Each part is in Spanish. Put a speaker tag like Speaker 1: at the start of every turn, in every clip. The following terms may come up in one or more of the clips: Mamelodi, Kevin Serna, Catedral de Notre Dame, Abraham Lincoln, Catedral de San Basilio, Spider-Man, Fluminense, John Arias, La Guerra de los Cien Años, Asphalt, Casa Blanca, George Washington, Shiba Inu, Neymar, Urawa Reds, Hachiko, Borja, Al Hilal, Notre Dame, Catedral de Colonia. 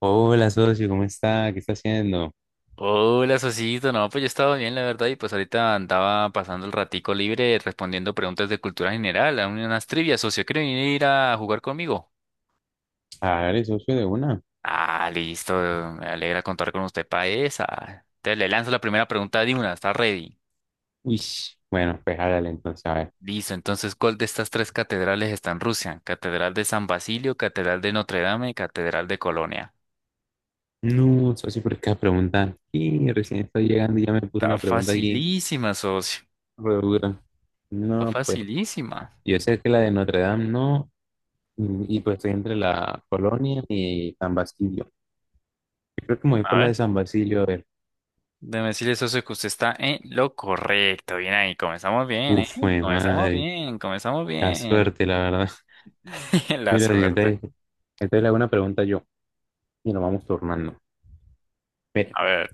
Speaker 1: Hola, socio, ¿cómo está? ¿Qué está haciendo?
Speaker 2: Hola, Sosito. No, pues yo estaba bien, la verdad, y pues ahorita andaba pasando el ratico libre respondiendo preguntas de cultura general, a unas trivias, socio. ¿Quiere venir a jugar conmigo?
Speaker 1: Hágale, socio, de una.
Speaker 2: Ah, listo. Me alegra contar con usted para esa. Te le lanzo la primera pregunta de una. ¿Está ready?
Speaker 1: Uy, bueno, pues hágale entonces, a ver.
Speaker 2: Listo. Entonces, ¿cuál de estas tres catedrales está en Rusia? Catedral de San Basilio, Catedral de Notre Dame y Catedral de Colonia.
Speaker 1: No, socio, pero qué pregunta. Y recién estoy llegando y ya me puso
Speaker 2: Está
Speaker 1: una pregunta aquí,
Speaker 2: facilísima, socio.
Speaker 1: re dura.
Speaker 2: Está
Speaker 1: No, pues,
Speaker 2: facilísima.
Speaker 1: yo sé que la de Notre Dame no, pues estoy entre la Colonia y San Basilio. Yo creo que me voy
Speaker 2: A
Speaker 1: por la
Speaker 2: ver.
Speaker 1: de San Basilio, a ver.
Speaker 2: Déjame decirle, socio, que usted está en lo correcto. Bien ahí, comenzamos bien, ¿eh?
Speaker 1: Uf, fue
Speaker 2: Comenzamos
Speaker 1: madre,
Speaker 2: bien, comenzamos
Speaker 1: la
Speaker 2: bien.
Speaker 1: suerte, la verdad.
Speaker 2: La
Speaker 1: Mira,
Speaker 2: suerte.
Speaker 1: entonces, entonces le hago una pregunta yo, y nos vamos turnando. Mira.
Speaker 2: A ver,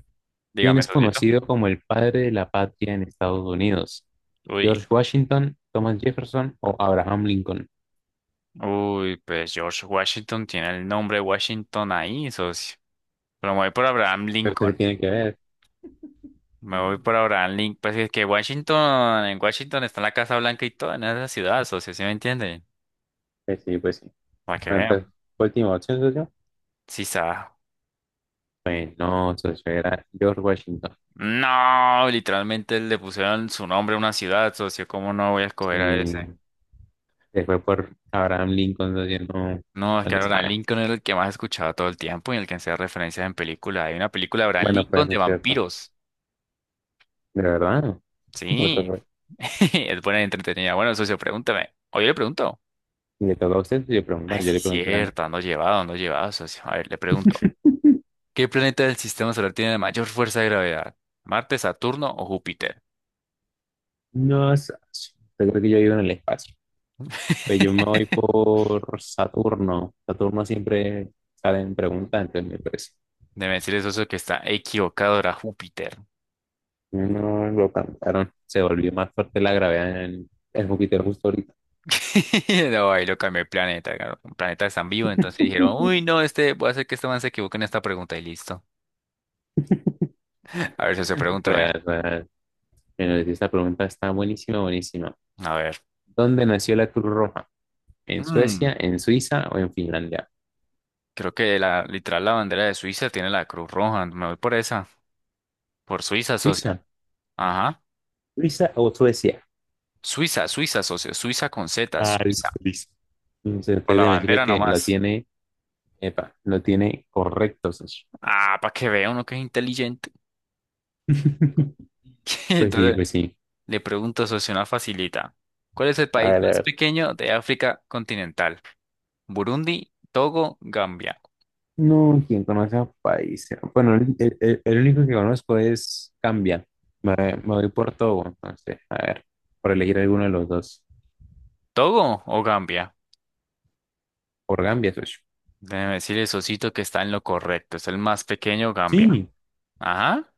Speaker 1: ¿Quien
Speaker 2: dígame,
Speaker 1: es
Speaker 2: socito.
Speaker 1: conocido como el padre de la patria en Estados Unidos?
Speaker 2: Uy,
Speaker 1: ¿George Washington, Thomas Jefferson o Abraham Lincoln?
Speaker 2: uy, pues George Washington tiene el nombre Washington ahí, socio. Pero me voy por Abraham
Speaker 1: Pero eso qué
Speaker 2: Lincoln.
Speaker 1: tiene que
Speaker 2: ¿Eh?
Speaker 1: ver.
Speaker 2: Me voy por Abraham Lincoln. Pues es que Washington, en Washington está la Casa Blanca y todo, en esa ciudad, socio, ¿sí me entiende?
Speaker 1: Pues sí, pues sí.
Speaker 2: Para que
Speaker 1: Bueno, entonces,
Speaker 2: vean.
Speaker 1: última opción, socio.
Speaker 2: Sí, sabe.
Speaker 1: Pues no, socio, era George Washington.
Speaker 2: No, literalmente le pusieron su nombre a una ciudad, socio. ¿Cómo no voy a escoger a ese?
Speaker 1: Sí, se fue por Abraham Lincoln, socio, no,
Speaker 2: No, es
Speaker 1: no
Speaker 2: que
Speaker 1: le
Speaker 2: Abraham
Speaker 1: sabe.
Speaker 2: Lincoln era el que más escuchaba todo el tiempo y el que hacía referencias en películas. Hay una película de Abraham
Speaker 1: Bueno,
Speaker 2: Lincoln
Speaker 1: pues
Speaker 2: de
Speaker 1: es cierto.
Speaker 2: vampiros.
Speaker 1: De verdad, no. What the
Speaker 2: Sí,
Speaker 1: fuck.
Speaker 2: es buena y entretenida. Bueno, socio, pregúntame. Oye, le pregunto.
Speaker 1: Y le toca a usted, yo preguntar,
Speaker 2: Ay,
Speaker 1: yo
Speaker 2: sí,
Speaker 1: le pregunté antes.
Speaker 2: cierto, ando llevado, socio. A ver, le pregunto. ¿Qué planeta del sistema solar tiene la mayor fuerza de gravedad? ¿Marte, Saturno o Júpiter?
Speaker 1: No, socio, yo creo que yo vivo en el espacio. Pues yo me voy por Saturno. Saturno siempre sale en pregunta, entonces me parece.
Speaker 2: Debe decirle, socio, que está equivocado, era Júpiter.
Speaker 1: No lo cantaron. Se volvió más fuerte la gravedad en el Júpiter justo ahorita.
Speaker 2: No, ahí lo cambié el planeta. Claro. Un planeta tan vivo, entonces dijeron, uy, no, este, voy a hacer que este man se equivoque en esta pregunta y listo. A ver si se pregúntame.
Speaker 1: Real, real. Bueno, esta pregunta está buenísima, buenísima.
Speaker 2: A ver.
Speaker 1: ¿Dónde nació la Cruz Roja? ¿En Suecia,
Speaker 2: Mm,
Speaker 1: en Suiza o en Finlandia?
Speaker 2: creo que la, literal la bandera de Suiza tiene la Cruz Roja. Me voy por esa. Por Suiza, socia.
Speaker 1: Suiza,
Speaker 2: Ajá.
Speaker 1: Suiza o Suecia.
Speaker 2: Suiza, Suiza, socio. Suiza con Z,
Speaker 1: Ah,
Speaker 2: Suiza.
Speaker 1: listo, listo. Entonces,
Speaker 2: Por
Speaker 1: ustedes
Speaker 2: la
Speaker 1: deben decirle
Speaker 2: bandera
Speaker 1: que lo
Speaker 2: nomás.
Speaker 1: tiene, epa, lo tiene correcto, socio.
Speaker 2: Ah, para que vea uno que es inteligente.
Speaker 1: Pues sí,
Speaker 2: Entonces,
Speaker 1: pues sí.
Speaker 2: le pregunto, socio, una facilita. ¿Cuál es el país
Speaker 1: Hágale, a
Speaker 2: más
Speaker 1: ver.
Speaker 2: pequeño de África continental? Burundi, Togo, Gambia.
Speaker 1: No, ¿quién conoce a Paiza? Bueno, el único que conozco es Cambia. Me voy por todo, entonces, a ver, por elegir alguno de los dos.
Speaker 2: ¿Togo o Gambia?
Speaker 1: Por Gambia, socio.
Speaker 2: Déjeme decirle, socito, que está en lo correcto. Es el más pequeño, Gambia.
Speaker 1: Sí.
Speaker 2: Ajá.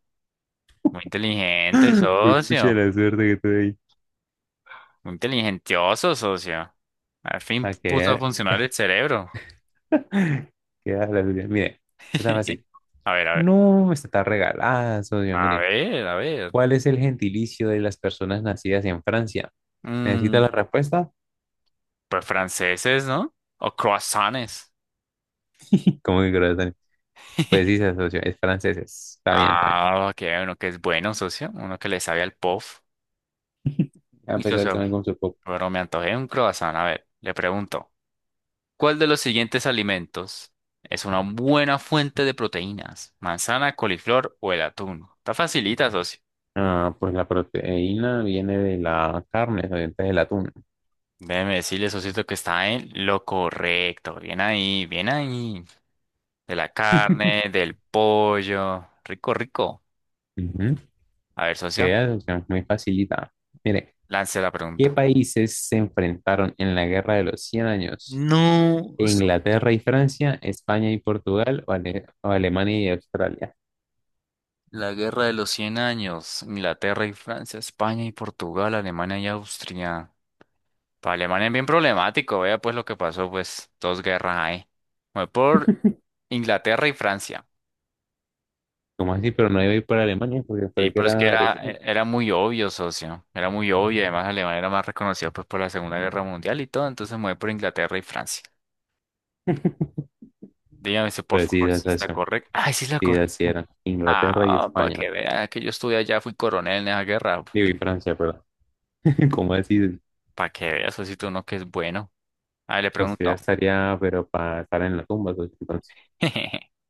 Speaker 2: Muy inteligente,
Speaker 1: Pues pucha
Speaker 2: socio.
Speaker 1: la suerte que tuve ahí.
Speaker 2: Muy inteligentioso, socio. Al fin
Speaker 1: A
Speaker 2: puso a
Speaker 1: que
Speaker 2: funcionar el cerebro.
Speaker 1: queda la suya. Mire, está fácil.
Speaker 2: A ver, a ver.
Speaker 1: No, esta está regalada, socio.
Speaker 2: A
Speaker 1: Mire,
Speaker 2: ver, a ver.
Speaker 1: ¿cuál es el gentilicio de las personas nacidas en Francia? ¿Necesita la
Speaker 2: Mm,
Speaker 1: respuesta?
Speaker 2: pues franceses, ¿no? O croissants.
Speaker 1: ¿Cómo que corazón? Pues sí, socio, es franceses. Está bien, está bien.
Speaker 2: Ah, que uno que es bueno, socio. Uno que le sabe al POF.
Speaker 1: A
Speaker 2: Y
Speaker 1: pesar de que
Speaker 2: socio,
Speaker 1: no con su.
Speaker 2: pero me antojé un croissant. A ver, le pregunto. ¿Cuál de los siguientes alimentos es una buena fuente de proteínas? ¿Manzana, coliflor o el atún? Está facilita, socio.
Speaker 1: Ah, pues la proteína viene de la carne, obviamente del atún.
Speaker 2: Déjeme decirle, socito, que está en lo correcto. Bien ahí, bien ahí. De la carne, del pollo. Rico, rico.
Speaker 1: Ujú.
Speaker 2: A ver, socio,
Speaker 1: Queda opción muy facilita. Mire,
Speaker 2: lance la
Speaker 1: ¿qué
Speaker 2: pregunta.
Speaker 1: países se enfrentaron en la Guerra de los 100 años?
Speaker 2: No,
Speaker 1: ¿Inglaterra y Francia, España y Portugal o, Ale- o Alemania y Australia?
Speaker 2: la Guerra de los Cien Años, Inglaterra y Francia, España y Portugal, Alemania y Austria. Para Alemania es bien problemático, vea pues lo que pasó, pues dos guerras ahí. Fue por Inglaterra y Francia.
Speaker 1: ¿Cómo así? Pero no iba a ir por Alemania porque
Speaker 2: Y
Speaker 1: creo que
Speaker 2: pero es que
Speaker 1: era
Speaker 2: era,
Speaker 1: agresión.
Speaker 2: era muy obvio, socio, era muy obvio, además Alemania era más reconocida pues por la Segunda Guerra Mundial y todo, entonces me voy por Inglaterra y Francia. Dígame si por
Speaker 1: Pues sí,
Speaker 2: favor si
Speaker 1: esa es
Speaker 2: está
Speaker 1: la.
Speaker 2: correcto. Ay, sí es la
Speaker 1: Sí,
Speaker 2: correcta.
Speaker 1: así era. Inglaterra y
Speaker 2: Ah, para que
Speaker 1: España.
Speaker 2: vea que yo estuve allá, fui coronel en esa guerra.
Speaker 1: Digo, y Francia, perdón. ¿Cómo así?
Speaker 2: Para que veas, socio, si tú no que es bueno. A ver, le
Speaker 1: O sea,
Speaker 2: pregunto.
Speaker 1: estaría, pero para estar en la tumba, pues, entonces.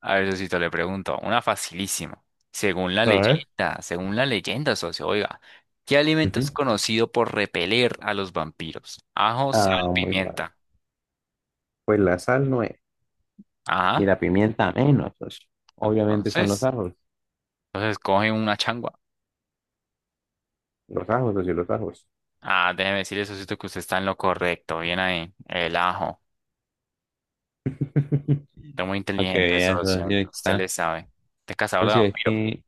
Speaker 2: A ver, Sosito, le pregunto. Una facilísima.
Speaker 1: A ver.
Speaker 2: Según la leyenda, socio, oiga, ¿qué alimento
Speaker 1: Ujú.
Speaker 2: es conocido por repeler a los vampiros? Ajo, sal,
Speaker 1: Ah, muy fácil.
Speaker 2: pimienta.
Speaker 1: Pues la sal no es. Y
Speaker 2: Ajá.
Speaker 1: la pimienta menos, socio. Obviamente son los
Speaker 2: Entonces,
Speaker 1: ajos.
Speaker 2: entonces coge una changua.
Speaker 1: Los ajos, socio, los ajos.
Speaker 2: Ah, déjeme decirle, Sosito, que usted está en lo correcto. Bien ahí. El ajo. Está muy
Speaker 1: Para que
Speaker 2: inteligente,
Speaker 1: veas, socio,
Speaker 2: socio.
Speaker 1: que
Speaker 2: Usted
Speaker 1: está.
Speaker 2: le sabe. Usted es cazador de
Speaker 1: Socio, es
Speaker 2: vampiros.
Speaker 1: que,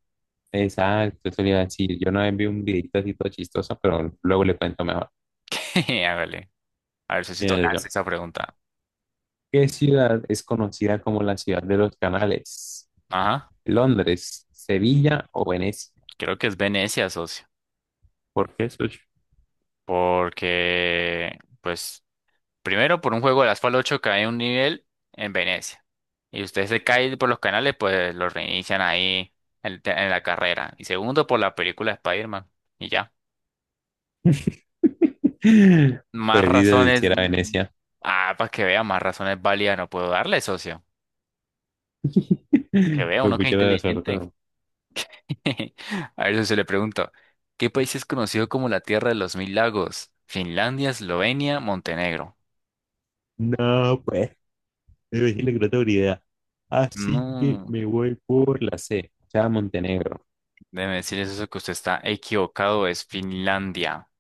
Speaker 1: exacto, eso le iba a decir. Yo no vez vi un videito así todo chistoso, pero luego le cuento mejor.
Speaker 2: Hágale. A ver, Sosito,
Speaker 1: Mire,
Speaker 2: lance
Speaker 1: socio,
Speaker 2: esa pregunta.
Speaker 1: ¿qué ciudad es conocida como la ciudad de los canales?
Speaker 2: Ajá.
Speaker 1: ¿Londres, Sevilla o Venecia?
Speaker 2: Creo que es Venecia, socio.
Speaker 1: ¿Por qué, socio?
Speaker 2: Porque, pues, primero por un juego de Asphalt 8 cae un nivel en Venecia. Y usted se cae por los canales, pues lo reinician ahí en, en la carrera. Y segundo, por la película Spider-Man. Y ya. Más
Speaker 1: Pues sí, socio, si
Speaker 2: razones.
Speaker 1: era
Speaker 2: Mm.
Speaker 1: Venecia.
Speaker 2: Ah, para que vea, más razones válidas no puedo darle, socio. Para que vea,
Speaker 1: Pues
Speaker 2: uno que es
Speaker 1: mucha suerte.
Speaker 2: inteligente. A ver, se le pregunto. ¿Qué país es conocido como la Tierra de los Mil Lagos? Finlandia, Eslovenia, Montenegro.
Speaker 1: No, pues. Me imagino que no tengo ni idea. Así que
Speaker 2: No.
Speaker 1: me voy por la C, ya Montenegro.
Speaker 2: Déjeme decirles eso que usted está equivocado, es Finlandia.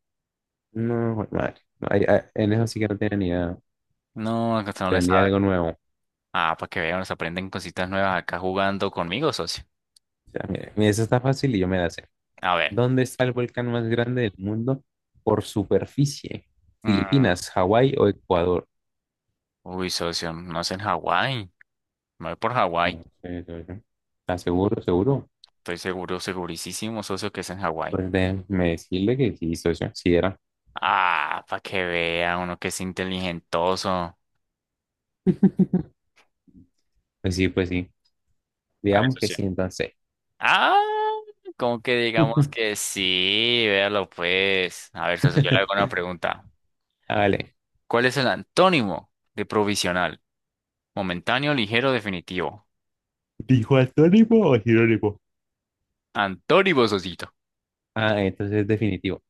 Speaker 1: No, jue madre. No, ahí- ah, en eso sí que no tenía ni idea.
Speaker 2: No, acá usted no le
Speaker 1: Aprendí
Speaker 2: sabe.
Speaker 1: algo nuevo. O
Speaker 2: Ah, para que vean, nos aprenden cositas nuevas acá jugando conmigo, socio.
Speaker 1: sea, mira, mira, eso está fácil y yo me la sé.
Speaker 2: A ver.
Speaker 1: ¿Dónde está el volcán más grande del mundo por superficie?
Speaker 2: Mm.
Speaker 1: ¿Filipinas, Hawái o Ecuador?
Speaker 2: Uy, socio, no es en Hawái. Me voy por Hawái.
Speaker 1: No sé, socio. ¿Estás seguro, seguro?
Speaker 2: Estoy seguro, segurísimo, socio, que es en Hawái.
Speaker 1: Pues déjeme decirle que sí, socio. Sí era.
Speaker 2: Ah, para que vea uno que es inteligentoso.
Speaker 1: Pues sí, pues sí. Digamos
Speaker 2: Eso
Speaker 1: que
Speaker 2: sí.
Speaker 1: sí, entonces.
Speaker 2: Ah, como que digamos que sí, véalo pues. A ver, socio, yo le hago una pregunta.
Speaker 1: Vale.
Speaker 2: ¿Cuál es el antónimo de provisional? Momentáneo, ligero, definitivo.
Speaker 1: ¿Dijo antónimo o sinónimo?
Speaker 2: Antonio Ososito.
Speaker 1: Ah, entonces es definitivo.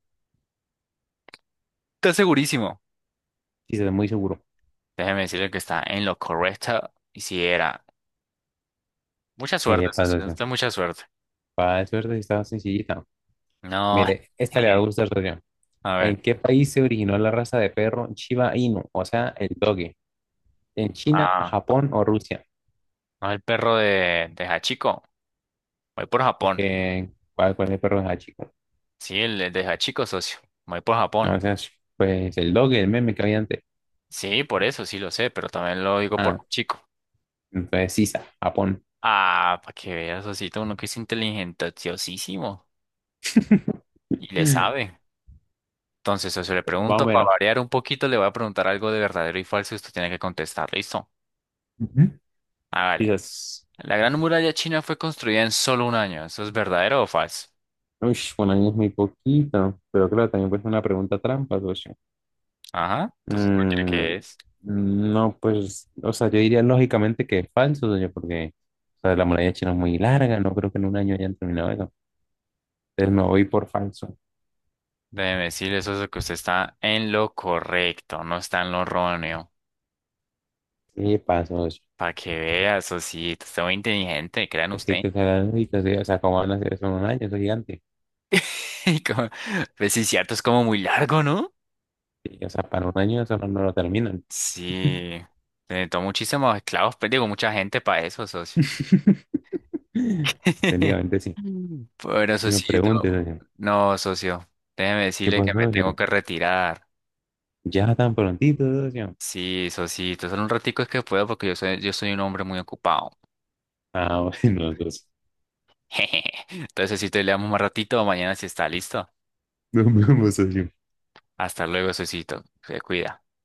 Speaker 2: Está segurísimo.
Speaker 1: Sí, se ve muy seguro.
Speaker 2: Déjeme decirle que está en lo correcto. Y si era. Mucha suerte,
Speaker 1: Para
Speaker 2: socio.
Speaker 1: socio.
Speaker 2: Usted mucha suerte.
Speaker 1: Para suerte, sí está sencillita.
Speaker 2: No.
Speaker 1: Mire, esta le va a gustar, socio.
Speaker 2: A ver.
Speaker 1: ¿En qué país se originó la raza de perro Shiba Inu? O sea, el doge. ¿En China,
Speaker 2: Ah,
Speaker 1: Japón o Rusia?
Speaker 2: no es el perro de Hachiko. Voy por Japón.
Speaker 1: ¿Cuál es el perro de chico?
Speaker 2: Sí, el de Hachiko, socio. Voy por
Speaker 1: O
Speaker 2: Japón.
Speaker 1: sea, pues el doge, el meme que había antes.
Speaker 2: Sí, por eso, sí lo sé, pero también lo digo por
Speaker 1: Ah,
Speaker 2: Hachiko.
Speaker 1: entonces Sisa, Japón.
Speaker 2: Ah, para que veas, socito, uno que es inteligentísimo y le
Speaker 1: Más
Speaker 2: sabe. Entonces, eso le
Speaker 1: o
Speaker 2: pregunto, para
Speaker 1: menos.
Speaker 2: variar un poquito, le voy a preguntar algo de verdadero y falso y usted tiene que contestar. ¿Listo?
Speaker 1: Ujú.
Speaker 2: Hágale.
Speaker 1: Quizás.
Speaker 2: La Gran Muralla China fue construida en solo un año. ¿Eso es verdadero o falso?
Speaker 1: Uy, bueno, ahí es muy poquito. Pero claro, también puede ser una pregunta trampa, socio.
Speaker 2: Ajá. Entonces, cualquiera
Speaker 1: Mm,
Speaker 2: que es.
Speaker 1: no, pues, o sea, yo diría lógicamente que es falso, doña, porque o sea, la muralla china es muy larga, no creo que en un año hayan terminado eso. Entonces me voy por falso.
Speaker 2: Déjeme decirle eso es lo que usted está en lo correcto, no está en lo erróneo.
Speaker 1: ¿Qué pasó? Eso.
Speaker 2: Para que vea, eso sí, está muy inteligente, crean
Speaker 1: Es que hay
Speaker 2: usted.
Speaker 1: que usar la lógica, sí. O sea, ¿cómo van a hacer eso en un año? Eso es gigante.
Speaker 2: Y como- Pues sí, cierto, es como muy largo, ¿no?
Speaker 1: Sí, o sea, para un año eso no lo terminan.
Speaker 2: Sí. Se necesitó muchísimos esclavos, pero digo, mucha gente para eso, socio.
Speaker 1: Técnicamente sí.
Speaker 2: Bueno,
Speaker 1: Uno pregunte,
Speaker 2: Socito,
Speaker 1: socio,
Speaker 2: no, socio, déjeme
Speaker 1: ¿qué
Speaker 2: decirle que
Speaker 1: pasó,
Speaker 2: me tengo
Speaker 1: socio?
Speaker 2: que retirar.
Speaker 1: Ya tan prontito, socio.
Speaker 2: Sí, Socito, solo un ratico es que puedo porque yo soy un hombre muy ocupado.
Speaker 1: Ah, bueno, entonces,
Speaker 2: Entonces, Socito, le damos más ratito, mañana si está listo.
Speaker 1: nos vemos, socio.
Speaker 2: Hasta luego, Socito, se cuida.